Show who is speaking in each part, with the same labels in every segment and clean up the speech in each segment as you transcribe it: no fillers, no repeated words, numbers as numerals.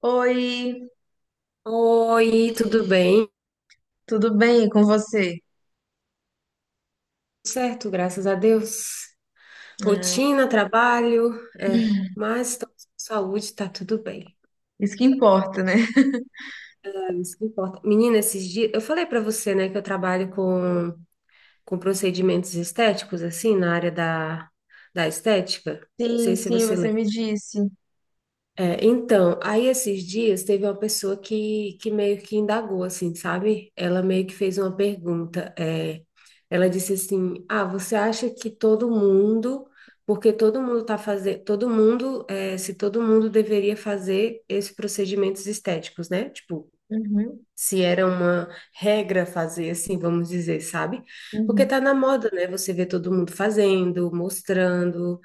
Speaker 1: Oi,
Speaker 2: Oi, tudo bem?
Speaker 1: tudo bem com você?
Speaker 2: Certo, graças a Deus.
Speaker 1: Ah,
Speaker 2: Rotina, trabalho, mas estamos com saúde, tá tudo bem.
Speaker 1: isso que importa, né?
Speaker 2: É isso que importa. Menina, esses dias, eu falei pra você, né, que eu trabalho com procedimentos estéticos, assim, na área da estética. Não sei
Speaker 1: Sim,
Speaker 2: se
Speaker 1: sim,
Speaker 2: você
Speaker 1: você
Speaker 2: lembra.
Speaker 1: me disse.
Speaker 2: É, então, aí esses dias teve uma pessoa que meio que indagou, assim, sabe? Ela meio que fez uma pergunta. Ela disse assim: Ah, você acha que todo mundo, porque todo mundo tá fazendo, todo mundo, se todo mundo deveria fazer esses procedimentos estéticos, né? Tipo,
Speaker 1: Uhum,
Speaker 2: se era uma regra fazer assim, vamos dizer, sabe? Porque
Speaker 1: uhum,
Speaker 2: tá na moda, né? Você vê todo mundo fazendo, mostrando.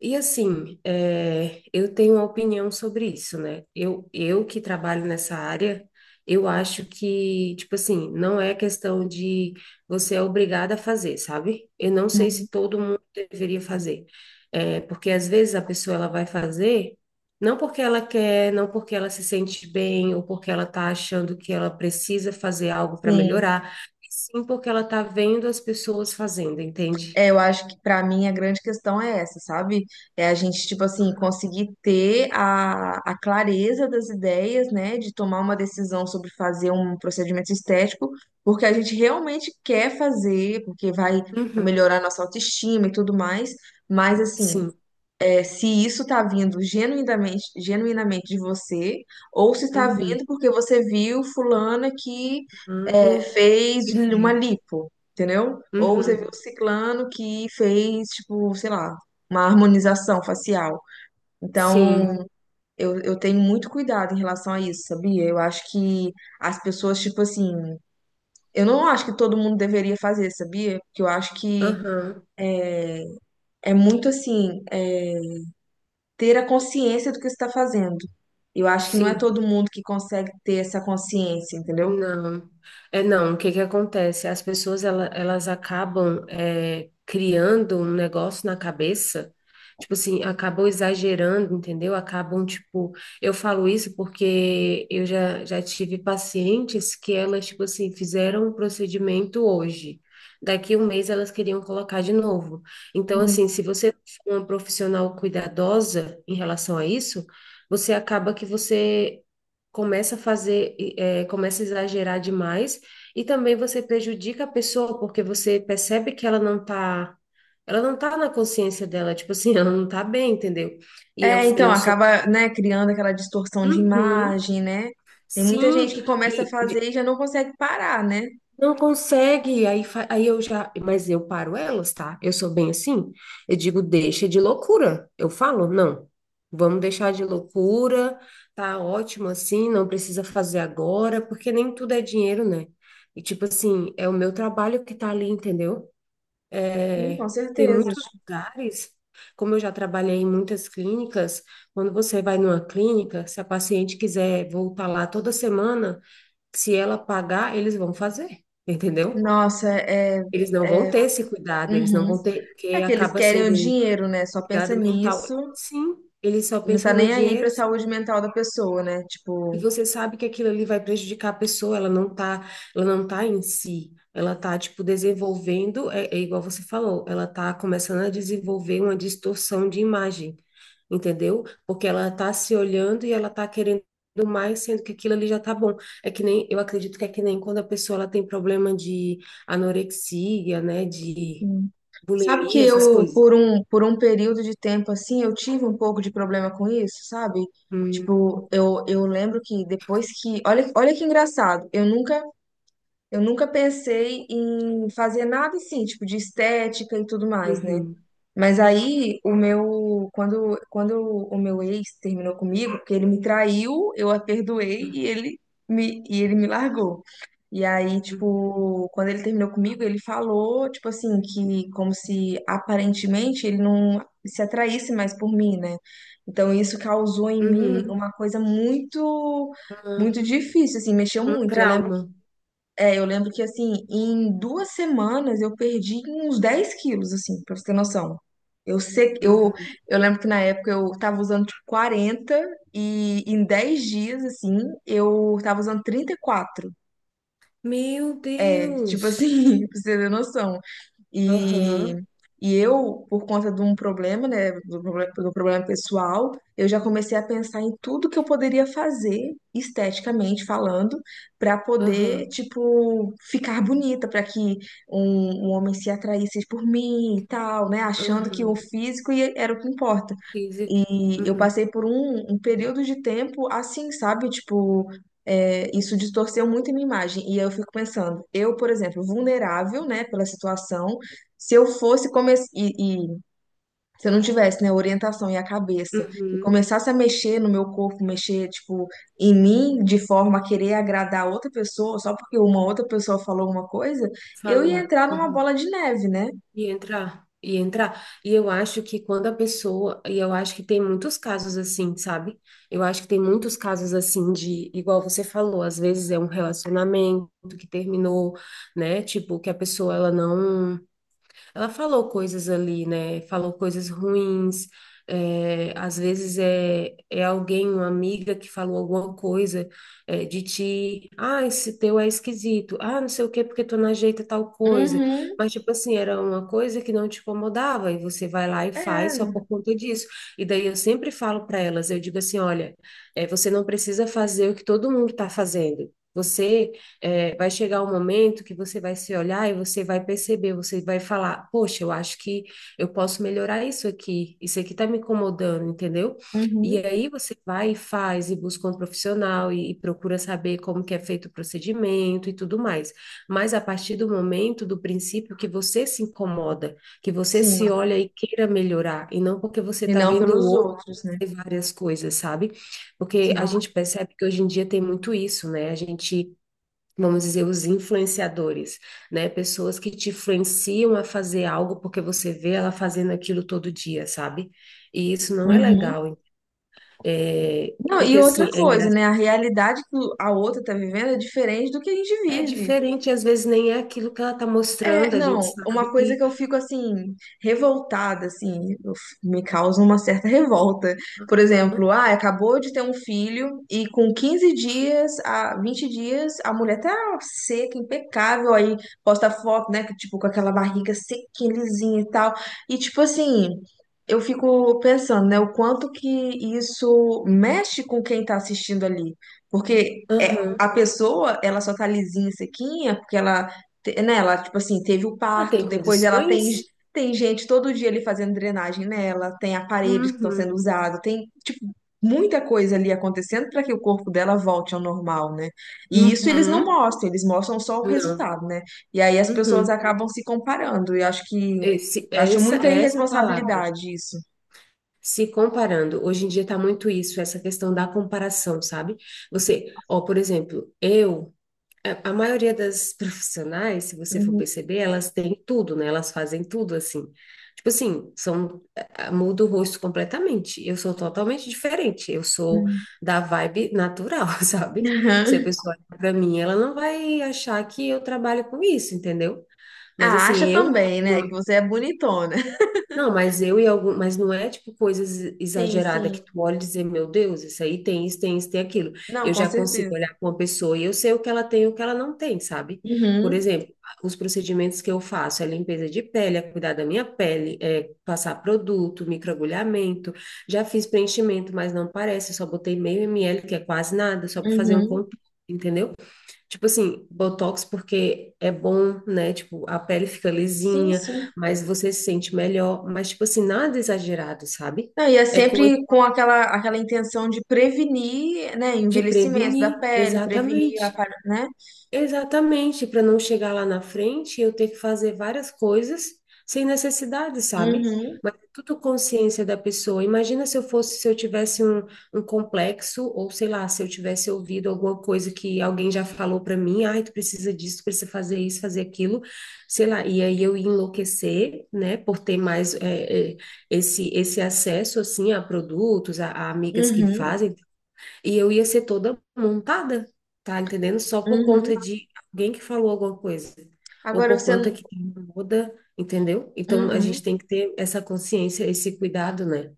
Speaker 2: E assim, eu tenho uma opinião sobre isso, né? Eu que trabalho nessa área, eu acho que, tipo assim, não é questão de você é obrigada a fazer, sabe? Eu não sei
Speaker 1: uhum.
Speaker 2: se todo mundo deveria fazer. É, porque às vezes a pessoa ela vai fazer. Não porque ela quer, não porque ela se sente bem ou porque ela está achando que ela precisa fazer algo para
Speaker 1: Sim.
Speaker 2: melhorar, e sim porque ela está vendo as pessoas fazendo, entende?
Speaker 1: É, eu acho que pra mim a grande questão é essa, sabe? É a gente, tipo assim, conseguir ter a, clareza das ideias, né? De tomar uma decisão sobre fazer um procedimento estético, porque a gente realmente quer fazer, porque vai
Speaker 2: Uhum,
Speaker 1: melhorar a nossa autoestima e tudo mais. Mas, assim,
Speaker 2: sim.
Speaker 1: é, se isso está vindo genuinamente, genuinamente de você, ou se está
Speaker 2: Uhum.
Speaker 1: vindo porque você viu fulana que é,
Speaker 2: Ando
Speaker 1: fez
Speaker 2: e
Speaker 1: uma
Speaker 2: fez.
Speaker 1: lipo, entendeu? Ou você viu
Speaker 2: Uhum,
Speaker 1: ciclano que fez, tipo, sei lá, uma harmonização facial.
Speaker 2: sim.
Speaker 1: Então, eu tenho muito cuidado em relação a isso, sabia? Eu acho que as pessoas, tipo assim, eu não acho que todo mundo deveria fazer, sabia? Porque eu acho que
Speaker 2: Aham,
Speaker 1: é muito assim. É, ter a consciência do que está fazendo. Eu acho que não é
Speaker 2: sim.
Speaker 1: todo mundo que consegue ter essa consciência, entendeu?
Speaker 2: Não, é não. O que que acontece? Elas acabam criando um negócio na cabeça, tipo assim, acabam exagerando, entendeu? Acabam tipo, eu falo isso porque eu já tive pacientes que elas tipo assim fizeram um procedimento hoje, daqui um mês elas queriam colocar de novo. Então
Speaker 1: Hum.
Speaker 2: assim, se você for uma profissional cuidadosa em relação a isso, você acaba que você começa a fazer, começa a exagerar demais, e também você prejudica a pessoa, porque você percebe que ela não tá na consciência dela, tipo assim, ela não tá bem, entendeu? E eu,
Speaker 1: É, então
Speaker 2: eu sou.
Speaker 1: acaba, né, criando aquela distorção de
Speaker 2: Uhum,
Speaker 1: imagem, né? Tem muita
Speaker 2: sim,
Speaker 1: gente que começa a
Speaker 2: e
Speaker 1: fazer e já não consegue parar, né?
Speaker 2: não consegue, aí, aí eu já, mas eu paro elas, tá? Eu sou bem assim. Eu digo, deixa de loucura. Eu falo, não, vamos deixar de loucura, tá ótimo assim, não precisa fazer agora, porque nem tudo é dinheiro, né? E tipo assim, é o meu trabalho que tá ali, entendeu?
Speaker 1: Sim, com
Speaker 2: É, Tem
Speaker 1: certeza.
Speaker 2: muitos lugares, como eu já trabalhei em muitas clínicas, quando você vai numa clínica, se a paciente quiser voltar lá toda semana, se ela pagar, eles vão fazer, entendeu?
Speaker 1: Nossa, é,
Speaker 2: Eles não vão
Speaker 1: é,
Speaker 2: ter esse cuidado, eles não
Speaker 1: uhum.
Speaker 2: vão ter,
Speaker 1: É
Speaker 2: porque
Speaker 1: que eles
Speaker 2: acaba
Speaker 1: querem o
Speaker 2: sendo um
Speaker 1: dinheiro, né? Só pensa
Speaker 2: cuidado
Speaker 1: nisso,
Speaker 2: mental. Sim, eles só
Speaker 1: não tá
Speaker 2: pensam no
Speaker 1: nem aí pra
Speaker 2: dinheiro.
Speaker 1: saúde mental da pessoa, né?
Speaker 2: E
Speaker 1: Tipo,
Speaker 2: você sabe que aquilo ali vai prejudicar a pessoa, ela não tá em si, ela tá, tipo, desenvolvendo, igual você falou, ela tá começando a desenvolver uma distorção de imagem, entendeu? Porque ela tá se olhando e ela tá querendo mais, sendo que aquilo ali já tá bom. É que nem, eu acredito que é que nem quando a pessoa, ela tem problema de anorexia, né, de
Speaker 1: sabe que
Speaker 2: bulimia, essas
Speaker 1: eu,
Speaker 2: coisas.
Speaker 1: por um período de tempo assim, eu tive um pouco de problema com isso, sabe?
Speaker 2: Hum,
Speaker 1: Tipo, eu lembro que depois que. Olha, olha que engraçado, eu nunca pensei em fazer nada assim, tipo, de estética e tudo mais, né?
Speaker 2: uhum,
Speaker 1: Mas aí o meu. Quando o meu ex terminou comigo, porque ele me traiu, eu a perdoei e ele me largou. E aí,
Speaker 2: uhum,
Speaker 1: tipo, quando ele terminou comigo, ele falou, tipo assim, que como se aparentemente ele não se atraísse mais por mim, né? Então isso causou em mim
Speaker 2: uhum.
Speaker 1: uma coisa muito,
Speaker 2: Ah,
Speaker 1: muito difícil, assim, mexeu
Speaker 2: um
Speaker 1: muito. Eu lembro,
Speaker 2: trauma.
Speaker 1: é, eu lembro que assim, em 2 semanas eu perdi uns 10 quilos, assim, pra você ter noção. Eu sei,
Speaker 2: Uhum.
Speaker 1: eu lembro que na época eu tava usando tipo 40 e em 10 dias, assim, eu tava usando 34
Speaker 2: Meu
Speaker 1: é, tipo
Speaker 2: Deus!
Speaker 1: assim, pra você ter noção. E,
Speaker 2: Aham,
Speaker 1: e eu, por conta de um problema, né, do do problema pessoal, eu já comecei a pensar em tudo que eu poderia fazer, esteticamente falando, para poder,
Speaker 2: aham,
Speaker 1: tipo, ficar bonita, para que um homem se atraísse por mim e tal, né, achando que o
Speaker 2: aham.
Speaker 1: físico era o que importa.
Speaker 2: Físico.
Speaker 1: E eu
Speaker 2: Uhum,
Speaker 1: passei por um período de tempo assim, sabe? Tipo, é, isso distorceu muito a minha imagem. E eu fico pensando, eu, por exemplo, vulnerável, né, pela situação, se eu fosse começar e se eu não tivesse, né, orientação e a cabeça e
Speaker 2: uhum.
Speaker 1: começasse a mexer no meu corpo, mexer, tipo, em mim de forma a querer agradar outra pessoa, só porque uma outra pessoa falou uma coisa, eu ia
Speaker 2: Falou.
Speaker 1: entrar numa
Speaker 2: Uhum.
Speaker 1: bola de neve, né?
Speaker 2: E entrar, e entrar. E eu acho que quando a pessoa. E eu acho que tem muitos casos assim, sabe? Eu acho que tem muitos casos assim de. Igual você falou, às vezes é um relacionamento que terminou, né? Tipo, que a pessoa ela não. Ela falou coisas ali, né? Falou coisas ruins. É, às vezes é alguém, uma amiga que falou alguma coisa de ti. Ah, esse teu é esquisito. Ah, não sei o quê, porque tu não ajeita tal coisa.
Speaker 1: Uhum,
Speaker 2: Mas, tipo assim, era uma coisa que não te incomodava e você vai lá e faz só
Speaker 1: é,
Speaker 2: por conta disso. E daí eu sempre falo para elas, eu digo assim, olha, você não precisa fazer o que todo mundo está fazendo. Você é, vai chegar um momento que você vai se olhar e você vai perceber, você vai falar, poxa, eu acho que eu posso melhorar isso aqui tá me incomodando, entendeu? E
Speaker 1: uhum,
Speaker 2: aí você vai e faz, e busca um profissional, e procura saber como que é feito o procedimento e tudo mais. Mas a partir do momento, do princípio que você se incomoda, que você
Speaker 1: sim.
Speaker 2: se olha e queira melhorar, e não porque você
Speaker 1: E
Speaker 2: tá
Speaker 1: não
Speaker 2: vendo o
Speaker 1: pelos
Speaker 2: outro
Speaker 1: outros, né?
Speaker 2: fazer várias coisas, sabe? Porque
Speaker 1: Sim.
Speaker 2: a gente percebe que hoje em dia tem muito isso, né? A gente vamos dizer, os influenciadores, né? Pessoas que te influenciam a fazer algo porque você vê ela fazendo aquilo todo dia, sabe? E isso não é
Speaker 1: Uhum.
Speaker 2: legal, hein? É,
Speaker 1: Não, e
Speaker 2: porque,
Speaker 1: outra
Speaker 2: assim, é
Speaker 1: coisa,
Speaker 2: engraçado.
Speaker 1: né? A realidade que a outra tá vivendo é diferente do que a gente
Speaker 2: É
Speaker 1: vive.
Speaker 2: diferente, às vezes nem é aquilo que ela tá
Speaker 1: É,
Speaker 2: mostrando, a gente
Speaker 1: não,
Speaker 2: sabe
Speaker 1: uma coisa
Speaker 2: que.
Speaker 1: que eu fico assim, revoltada, assim, eu me causa uma certa revolta. Por exemplo, ah, acabou de ter um filho e com 15 dias, a 20 dias, a mulher tá seca, impecável, aí posta foto, né, que, tipo, com aquela barriga sequinha, lisinha e tal. E tipo assim, eu fico pensando, né, o quanto que isso mexe com quem tá assistindo ali. Porque é,
Speaker 2: Aham.
Speaker 1: a pessoa, ela só tá lisinha, sequinha, porque ela né, ela, tipo assim, teve o
Speaker 2: Ah,
Speaker 1: parto,
Speaker 2: tem
Speaker 1: depois ela tem,
Speaker 2: condições?
Speaker 1: tem gente todo dia ali fazendo drenagem nela, tem aparelhos que estão
Speaker 2: Uhum.
Speaker 1: sendo usados, tem, tipo, muita coisa ali acontecendo para que o corpo dela volte ao normal, né? E isso eles não
Speaker 2: Uhum.
Speaker 1: mostram, eles mostram só o
Speaker 2: Não.
Speaker 1: resultado, né? E aí as pessoas
Speaker 2: Uhum.
Speaker 1: acabam se comparando, e acho que,
Speaker 2: Esse,
Speaker 1: acho muita
Speaker 2: essa é a palavra.
Speaker 1: irresponsabilidade isso.
Speaker 2: Se comparando. Hoje em dia tá muito isso, essa questão da comparação, sabe? Por exemplo, a maioria das profissionais, se você for
Speaker 1: Uhum.
Speaker 2: perceber, elas têm tudo, né? Elas fazem tudo assim. Tipo assim, muda o rosto completamente. Eu sou totalmente diferente. Eu sou da vibe natural, sabe? Se a pessoa olhar pra mim, ela não vai achar que eu trabalho com isso, entendeu? Mas
Speaker 1: Ah,
Speaker 2: assim,
Speaker 1: acha também, né, que você é bonitona.
Speaker 2: eu e algum, mas não é tipo coisas
Speaker 1: Sim,
Speaker 2: exageradas que
Speaker 1: sim.
Speaker 2: tu olha e dizer, meu Deus, isso aí tem isso, tem isso, tem aquilo.
Speaker 1: Não,
Speaker 2: Eu
Speaker 1: com
Speaker 2: já consigo
Speaker 1: certeza.
Speaker 2: olhar para uma pessoa e eu sei o que ela tem e o que ela não tem, sabe? Por
Speaker 1: Uhum,
Speaker 2: exemplo, os procedimentos que eu faço é limpeza de pele, é cuidar da minha pele, é passar produto, microagulhamento. Já fiz preenchimento, mas não parece, eu só botei meio ml, que é quase nada, só para fazer um
Speaker 1: uhum.
Speaker 2: contorno, entendeu? Tipo assim, Botox porque é bom, né? Tipo, a pele fica
Speaker 1: Sim,
Speaker 2: lisinha,
Speaker 1: sim.
Speaker 2: mas você se sente melhor. Mas, tipo assim, nada exagerado, sabe?
Speaker 1: Não, e é
Speaker 2: É coisa
Speaker 1: sempre com aquela, aquela intenção de prevenir, né,
Speaker 2: de
Speaker 1: envelhecimento da
Speaker 2: prevenir,
Speaker 1: pele, prevenir
Speaker 2: exatamente.
Speaker 1: né?
Speaker 2: Exatamente, para não chegar lá na frente, eu ter que fazer várias coisas sem necessidade, sabe?
Speaker 1: Uhum,
Speaker 2: Mas é tudo consciência da pessoa. Imagina se eu fosse, se eu tivesse um, um complexo, ou sei lá, se eu tivesse ouvido alguma coisa que alguém já falou para mim, ai, tu precisa disso, tu precisa fazer isso, fazer aquilo, sei lá, e aí eu ia enlouquecer, né, por ter mais esse acesso, assim, a produtos, a amigas que
Speaker 1: uhum,
Speaker 2: fazem, e eu ia ser toda montada, tá entendendo? Só por conta
Speaker 1: uhum.
Speaker 2: de alguém que falou alguma coisa. Ou
Speaker 1: Agora
Speaker 2: por
Speaker 1: você,
Speaker 2: conta que tem uma moda, entendeu? Então a
Speaker 1: uhum.
Speaker 2: gente tem que ter essa consciência, esse cuidado, né?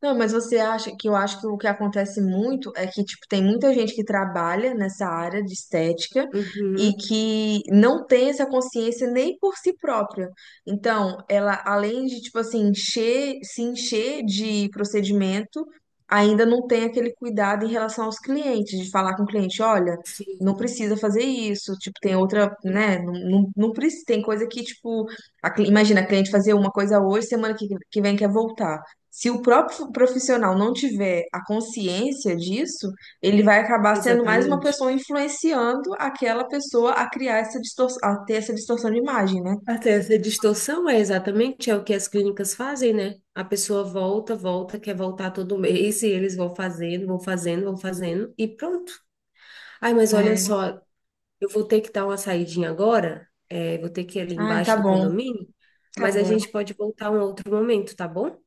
Speaker 1: Não, mas você acha que eu acho que o que acontece muito é que, tipo, tem muita gente que trabalha nessa área de estética
Speaker 2: Uhum,
Speaker 1: e que não tem essa consciência nem por si própria. Então, ela, além de, tipo assim, encher, se encher de procedimento, ainda não tem aquele cuidado em relação aos clientes, de falar com o cliente, olha,
Speaker 2: sim,
Speaker 1: não precisa fazer isso, tipo, tem outra,
Speaker 2: uhum,
Speaker 1: né, não, não, não precisa, tem coisa que, tipo, imagina a cliente fazer uma coisa hoje, semana que vem quer voltar. Se o próprio profissional não tiver a consciência disso, ele vai acabar sendo mais uma
Speaker 2: exatamente.
Speaker 1: pessoa influenciando aquela pessoa a criar essa distorção, a ter essa distorção de imagem, né?
Speaker 2: Até essa distorção é exatamente é o que as clínicas fazem, né? A pessoa volta, volta, quer voltar todo mês, e eles vão fazendo, vão fazendo, vão fazendo, e pronto. Ai, mas olha
Speaker 1: É.
Speaker 2: só, eu vou ter que dar uma saidinha agora, vou ter que ir ali
Speaker 1: Ai,
Speaker 2: embaixo
Speaker 1: tá
Speaker 2: do
Speaker 1: bom,
Speaker 2: condomínio,
Speaker 1: tá
Speaker 2: mas a
Speaker 1: bom.
Speaker 2: gente pode voltar um outro momento, tá bom?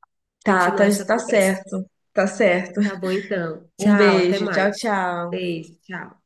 Speaker 1: Tá, tá,
Speaker 2: Continuar essa
Speaker 1: tá
Speaker 2: conversa.
Speaker 1: certo, tá certo.
Speaker 2: Tá bom, então.
Speaker 1: Um
Speaker 2: Tchau, até
Speaker 1: beijo, tchau,
Speaker 2: mais.
Speaker 1: tchau.
Speaker 2: Beijo, tchau.